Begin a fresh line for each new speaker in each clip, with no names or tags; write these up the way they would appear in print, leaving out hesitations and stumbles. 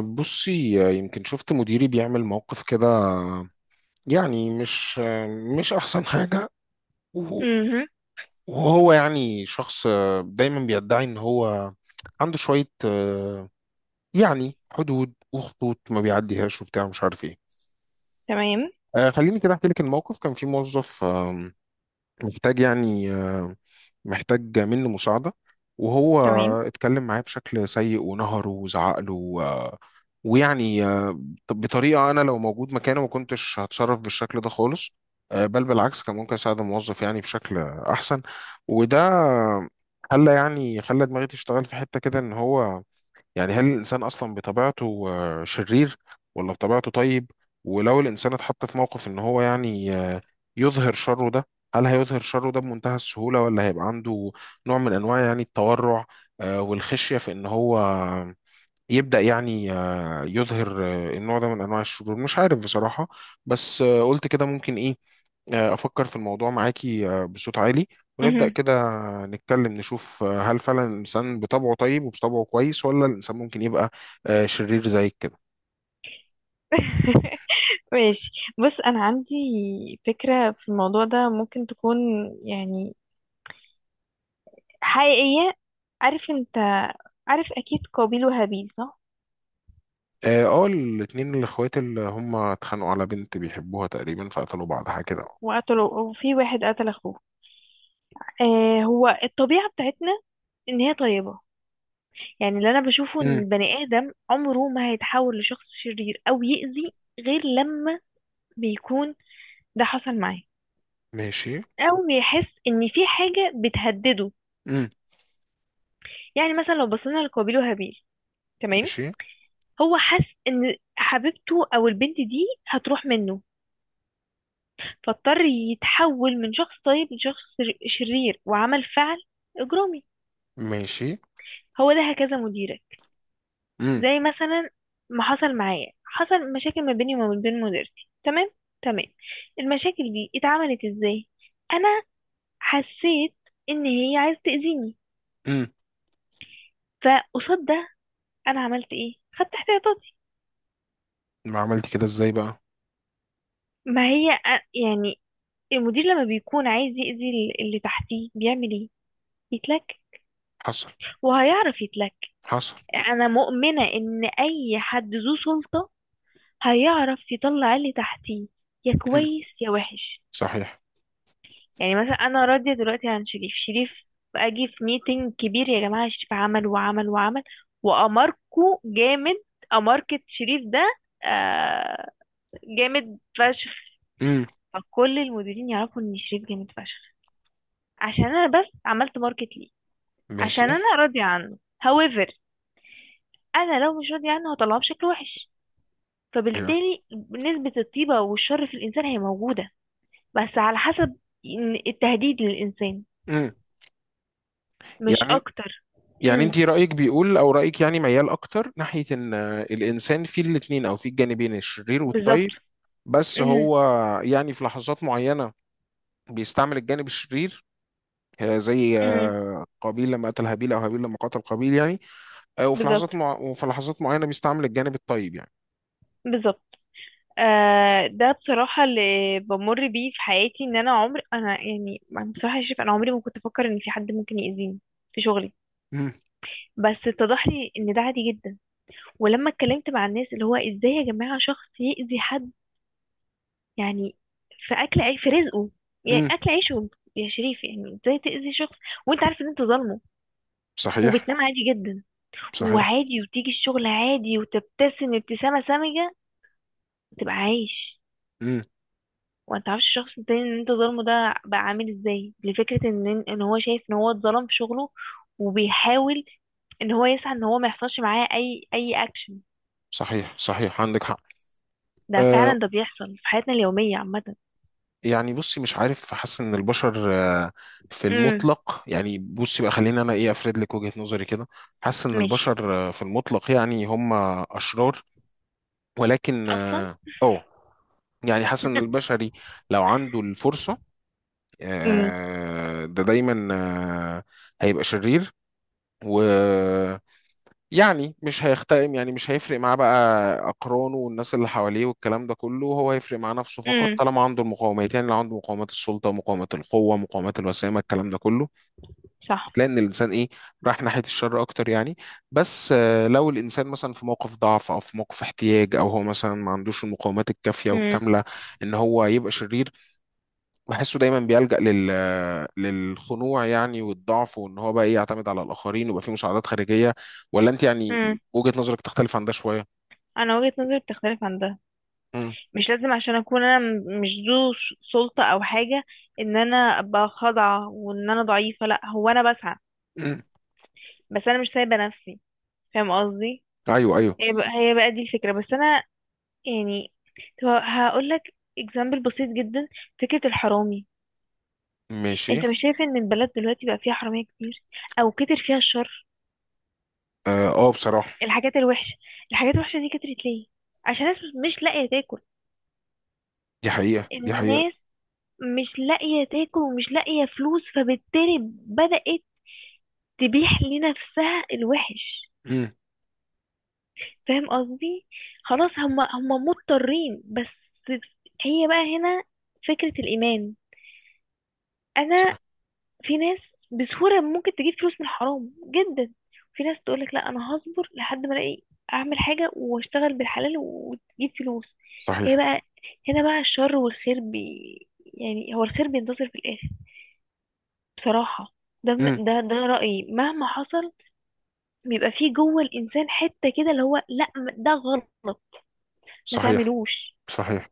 بصي، يمكن شفت مديري بيعمل موقف كده. يعني مش احسن حاجة. وهو
مهم.
وهو يعني شخص دايما بيدعي ان هو عنده شوية، يعني حدود وخطوط ما بيعديهاش وبتاع مش عارف ايه.
تمام،
خليني كده احكي لك الموقف. كان في موظف محتاج يعني، محتاج مني مساعدة. وهو
تمام.
اتكلم معايا بشكل سيء ونهره وزعق له ويعني بطريقة أنا لو موجود مكانه ما كنتش هتصرف بالشكل ده خالص. بل بالعكس كان ممكن أساعد الموظف يعني بشكل أحسن. وده خلى دماغي تشتغل في حتة كده إن هو يعني، هل الإنسان أصلا بطبيعته شرير ولا بطبيعته طيب؟ ولو الإنسان اتحط في موقف إن هو يعني يظهر شره ده، هل هيظهر شره ده بمنتهى السهولة ولا هيبقى عنده نوع من أنواع يعني التورع والخشية في إن هو يبدأ يعني يظهر النوع ده من أنواع الشرور؟ مش عارف بصراحة. بس قلت كده ممكن إيه، أفكر في الموضوع معاكي بصوت عالي، ونبدأ
مهم.
كده نتكلم نشوف هل فعلا الإنسان بطبعه طيب وبطبعه كويس، ولا الإنسان ممكن يبقى شرير زيك كده.
ماشي. بص، انا عندي فكرة في الموضوع ده ممكن تكون يعني حقيقية. انت عارف اكيد قابيل وهابيل، صح؟
اه، الاتنين الأخوات اللي هم اتخانقوا على بنت بيحبوها تقريبا، فقتلوا بعض حاجة كده.
وقتلوا، وفي واحد قتل اخوه. هو الطبيعة بتاعتنا ان هي طيبة. يعني اللي انا بشوفه ان
امم.
البني ادم عمره ما هيتحول لشخص شرير او يأذي غير لما بيكون ده حصل معاه،
ماشي.
او بيحس ان في حاجة بتهدده.
امم.
يعني مثلا لو بصينا لقابيل وهابيل، تمام،
ماشي.
هو حس ان حبيبته او البنت دي هتروح منه، فاضطر يتحول من شخص طيب لشخص شرير وعمل فعل اجرامي.
ماشي.
هو ده هكذا مديرك.
امم.
زي مثلا ما حصل معايا، حصل مشاكل ما بيني وما بين مديرتي، تمام. تمام، المشاكل دي اتعملت ازاي؟ انا حسيت ان هي عايزه تاذيني،
امم.
فقصاد ده انا عملت ايه؟ خدت احتياطاتي.
ما عملت كده ازاي بقى؟
ما هي يعني المدير لما بيكون عايز يأذي اللي تحتيه بيعمل ايه؟ يتلك،
حصل.
وهيعرف يتلك.
حصل.
انا مؤمنة ان اي حد ذو سلطة هيعرف يطلع اللي تحتيه، يا
امم.
كويس يا وحش.
صحيح.
يعني مثلا انا راضية دلوقتي عن شريف. شريف، اجي في ميتنج كبير، يا جماعة شريف عمل وعمل وعمل، واماركو جامد. اماركة شريف ده، آه جامد فشخ.
امم.
فكل المديرين يعرفوا ان شريف جامد فشخ، عشان انا بس عملت ماركت ليه، عشان
ماشي.
انا راضية عنه. however انا لو مش راضية عنه هطلعه بشكل وحش.
ايوه.
فبالتالي نسبة الطيبة والشر في الانسان هي موجودة، بس على حسب التهديد للانسان،
امم.
مش
يعني
اكتر.
يعني
امم.
انت رأيك بيقول، او رأيك يعني ميال اكتر ناحية ان الانسان فيه الاتنين او فيه الجانبين الشرير
بالظبط.
والطيب. بس
امم.
هو يعني في لحظات معينة بيستعمل الجانب الشرير، زي
امم،
قابيل لما قتل هابيل، او هابيل لما قتل قابيل يعني.
بالظبط،
وفي لحظات معينة بيستعمل الجانب الطيب يعني.
بالظبط. آه، ده بصراحة اللي بمر بيه في حياتي، ان انا عمري انا يعني أنا بصراحة شايف انا عمري ما كنت افكر ان في حد ممكن يأذيني في شغلي،
امم.
بس اتضح لي ان ده عادي جدا. ولما اتكلمت مع الناس، اللي هو ازاي يا جماعة شخص يأذي حد، يعني في اكل عيش، في رزقه، يعني
امم.
اكل عيشه. يا شريف، يعني ازاي تأذي شخص وانت عارف ان انت ظالمه،
صحيح.
وبتنام عادي جدا،
صحيح.
وعادي، وتيجي الشغل عادي، وتبتسم ابتسامة سامجة، تبقى عايش،
امم.
وانت عارفش الشخص التاني ان انت ظالمه؟ ده بقى عامل ازاي لفكرة ان هو شايف ان هو اتظلم في شغله، وبيحاول ان هو يسعى ان هو ما يحصلش معاه اي اكشن.
صحيح. صحيح. عندك حق.
ده
آه،
فعلا ده بيحصل في حياتنا اليومية عامة.
يعني بصي مش عارف، حاسس ان البشر في
امم.
المطلق يعني. بصي بقى، خليني انا ايه افرد لك وجهة نظري كده. حاسس ان
ماشي.
البشر في المطلق يعني هم اشرار، ولكن
اصلا.
اه أه، يعني حاسس ان البشري لو عنده الفرصة
امم.
ده دايما آه، هيبقى شرير. و يعني مش هيختلف، يعني مش هيفرق معاه بقى أقرانه والناس اللي حواليه والكلام ده كله. هو هيفرق مع نفسه فقط
امم،
طالما عنده المقاومات. يعني لو عنده مقاومات السلطة، مقاومات القوة، مقاومات الوسامة، الكلام ده كله،
صح.
تلاقي إن الإنسان إيه، راح ناحية الشر أكتر يعني. بس لو الإنسان مثلا في موقف ضعف أو في موقف احتياج، أو هو مثلا ما عندوش المقاومات الكافية والكاملة إن هو يبقى شرير، بحسه دايما بيلجأ للخنوع يعني والضعف، وان هو بقى ايه، يعتمد على الاخرين ويبقى فيه مساعدات خارجيه. ولا انت يعني
امم،
وجهه نظرك تختلف عن ده شويه؟
انا وجهة نظري بتختلف عن ده.
امم.
مش لازم عشان اكون انا مش ذو سلطة او حاجة ان انا ابقى خاضعة وان انا ضعيفة. لا، هو انا بسعى،
مم.
بس انا مش سايبة نفسي. فاهم قصدي؟
ايوه، ايوه.
هي بقى دي الفكرة، بس انا يعني هقول لك اكزامبل بسيط جدا. فكرة الحرامي.
ماشي.
انت مش شايف ان البلد دلوقتي بقى فيها حرامية كتير، او كتر فيها الشر؟
اه، بصراحه.
الحاجات الوحشة، الحاجات الوحشة دي كترت ليه؟ عشان الناس مش لاقية تاكل.
دي حقيقه، دي حقيقه.
الناس مش لاقية تاكل ومش لاقية فلوس، فبالتالي بدأت تبيح لنفسها الوحش.
امم.
فاهم قصدي؟ خلاص هما مضطرين بس. هي بقى هنا، فكرة الإيمان. أنا،
صح-
في ناس بسهولة ممكن تجيب فلوس من الحرام جدا، في ناس تقولك لا أنا هصبر لحد ما ألاقي أعمل حاجة وأشتغل بالحلال وتجيب فلوس. هي
صحيح.
بقى هنا بقى الشر والخير، يعني هو الخير بينتصر في الآخر بصراحة. ده
امم.
م- ده ده رأيي مهما حصل. بيبقى فيه جوه الإنسان حتة كده اللي هو لا، ده غلط، ما
صحيح.
تعملوش.
صحيح.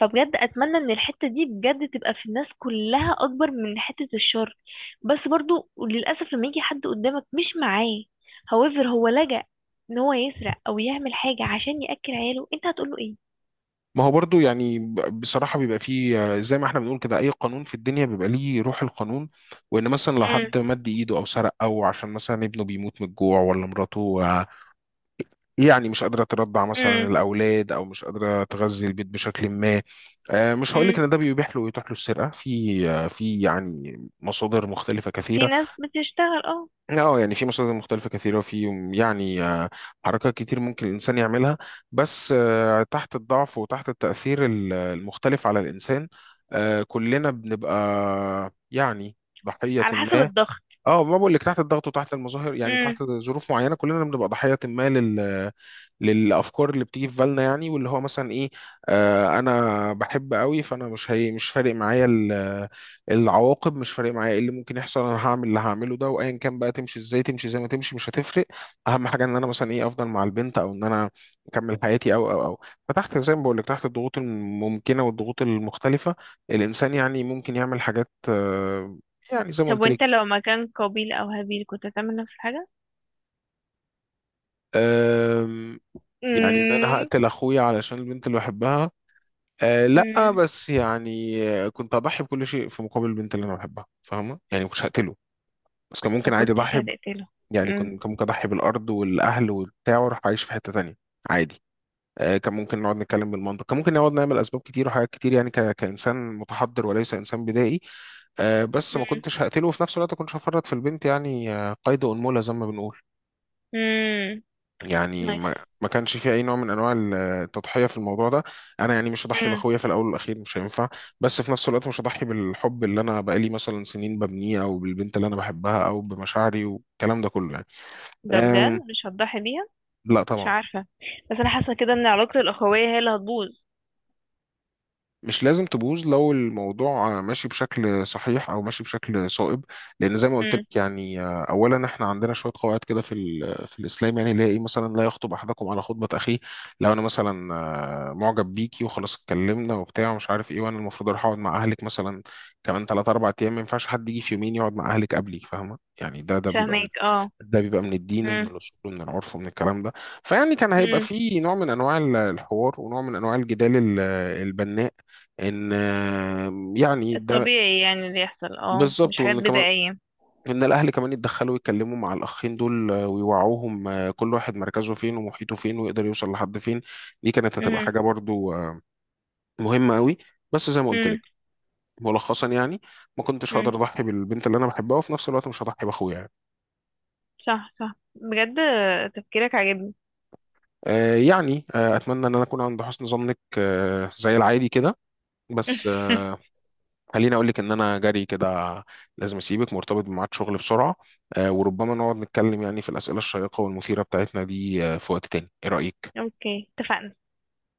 فبجد أتمنى إن الحتة دي بجد تبقى في الناس كلها أكبر من حتة الشر. بس برضو للأسف لما يجي حد قدامك مش معاه، however هو لجأ إن هو يسرق أو يعمل حاجة عشان يأكل عياله، أنت هتقوله إيه؟
ما هو برضو يعني، بصراحة بيبقى فيه زي ما احنا بنقول كده، أي قانون في الدنيا بيبقى ليه روح القانون. وإن مثلا لو
امم.
حد مد إيده أو سرق، أو عشان مثلا ابنه بيموت من الجوع، ولا مراته يعني مش قادرة ترضع مثلا
امم.
الأولاد، أو مش قادرة تغذي البيت بشكل ما. مش هقول لك
امم،
إن ده بيبيح له ويتاح له السرقة في في يعني مصادر مختلفة
في
كثيرة.
ناس بتشتغل اه،
أه يعني في مصادر مختلفة كثيرة، وفي يعني حركات كتير ممكن الإنسان يعملها. بس تحت الضعف وتحت التأثير المختلف على الإنسان كلنا بنبقى يعني ضحية
على حسب
ما.
الضغط.
اه، ما بقول لك، تحت الضغط وتحت المظاهر، يعني
امم.
تحت ظروف معينه كلنا بنبقى ضحيه ما للافكار اللي بتيجي في بالنا. يعني واللي هو مثلا ايه، انا بحب قوي، فانا مش فارق معايا العواقب، مش فارق معايا ايه اللي ممكن يحصل. انا هعمل اللي هعمله ده، وايا كان بقى، تمشي ازاي، تمشي زي ما تمشي، مش هتفرق. اهم حاجه ان انا مثلا ايه، افضل مع البنت، او ان انا اكمل حياتي او. فتحت، زي ما بقول لك، تحت الضغوط الممكنه والضغوط المختلفه، الانسان يعني ممكن يعمل حاجات يعني زي ما
طب
قلت
وانت
لك.
لو مكان قابيل او هابيل كنت هتعمل نفس الحاجة؟
أم، يعني ان انا
مم.
هقتل اخويا علشان البنت اللي بحبها؟ أه لا،
مم.
بس يعني كنت اضحي بكل شيء في مقابل البنت اللي انا بحبها، فاهمه يعني، ما كنتش هقتله. بس كان
ما
ممكن عادي
كنتش
اضحي.
هتقتله.
يعني
مم.
كان ممكن اضحي بالارض والاهل وبتاع، واروح اعيش في حته تانية عادي. أه كان ممكن نقعد نتكلم بالمنطق، كان ممكن نقعد نعمل اسباب كتير وحاجات كتير يعني، كانسان متحضر وليس انسان بدائي. أه بس ما
مم.
كنتش هقتله، وفي نفس الوقت كنتش هفرط في البنت يعني قيد انملة زي ما بنقول.
مم.
يعني
نايس.
ما كانش في اي نوع من انواع التضحيه في الموضوع ده. انا يعني مش هضحي
مم.
باخويا، في الاول والاخير مش هينفع. بس في نفس الوقت مش هضحي بالحب اللي انا بقالي مثلا سنين ببنيه، او بالبنت اللي انا بحبها، او بمشاعري والكلام ده كله يعني.
ده بجد
أم
مش هتضحي بيها؟
لا
مش
طبعا.
عارفة، بس انا حاسة كده ان علاقة الاخوية هي اللي هتبوظ.
مش لازم تبوظ لو الموضوع ماشي بشكل صحيح او ماشي بشكل صائب. لان زي ما قلت لك
مم.
يعني، اولا احنا عندنا شويه قواعد كده في في الاسلام يعني، اللي هي ايه مثلا، لا يخطب احدكم على خطبه اخيه. لو انا مثلا معجب بيكي وخلاص، اتكلمنا وبتاع ومش عارف ايه، وانا المفروض اروح اقعد مع اهلك مثلا كمان 3 4 ايام، ما ينفعش حد يجي في يومين يقعد مع اهلك قبلي، فاهمه يعني. ده ده بيبقى من
فاهمك، اه.
ده بيبقى من الدين ومن
مم.
الاصول ومن العرف ومن الكلام ده. فيعني كان هيبقى
مم.
فيه نوع من انواع الحوار، ونوع من انواع الجدال البناء، ان يعني ده.
الطبيعي يعني اللي يحصل، اه، مش
بالظبط.
حاجات
وان كمان
بدائية.
ان الاهل كمان يتدخلوا ويتكلموا مع الاخين دول ويوعوهم كل واحد مركزه فين ومحيطه فين، ويقدر يوصل لحد فين. دي كانت هتبقى
مم.
حاجه برضو مهمة قوي. بس زي ما قلت
مم.
لك ملخصا يعني، ما كنتش هقدر
مم،
اضحي بالبنت اللي انا بحبها، وفي نفس الوقت مش هضحي باخويا يعني.
صح، صح، بجد تفكيرك عاجبني.
يعني اتمنى ان انا اكون عند حسن ظنك زي العادي كده. بس خليني اقول لك ان انا جري كده، لازم اسيبك، مرتبط بميعاد شغل بسرعة. وربما نقعد نتكلم يعني في الأسئلة الشيقة والمثيرة بتاعتنا دي في وقت تاني. ايه رأيك؟
اوكي، اتفقنا.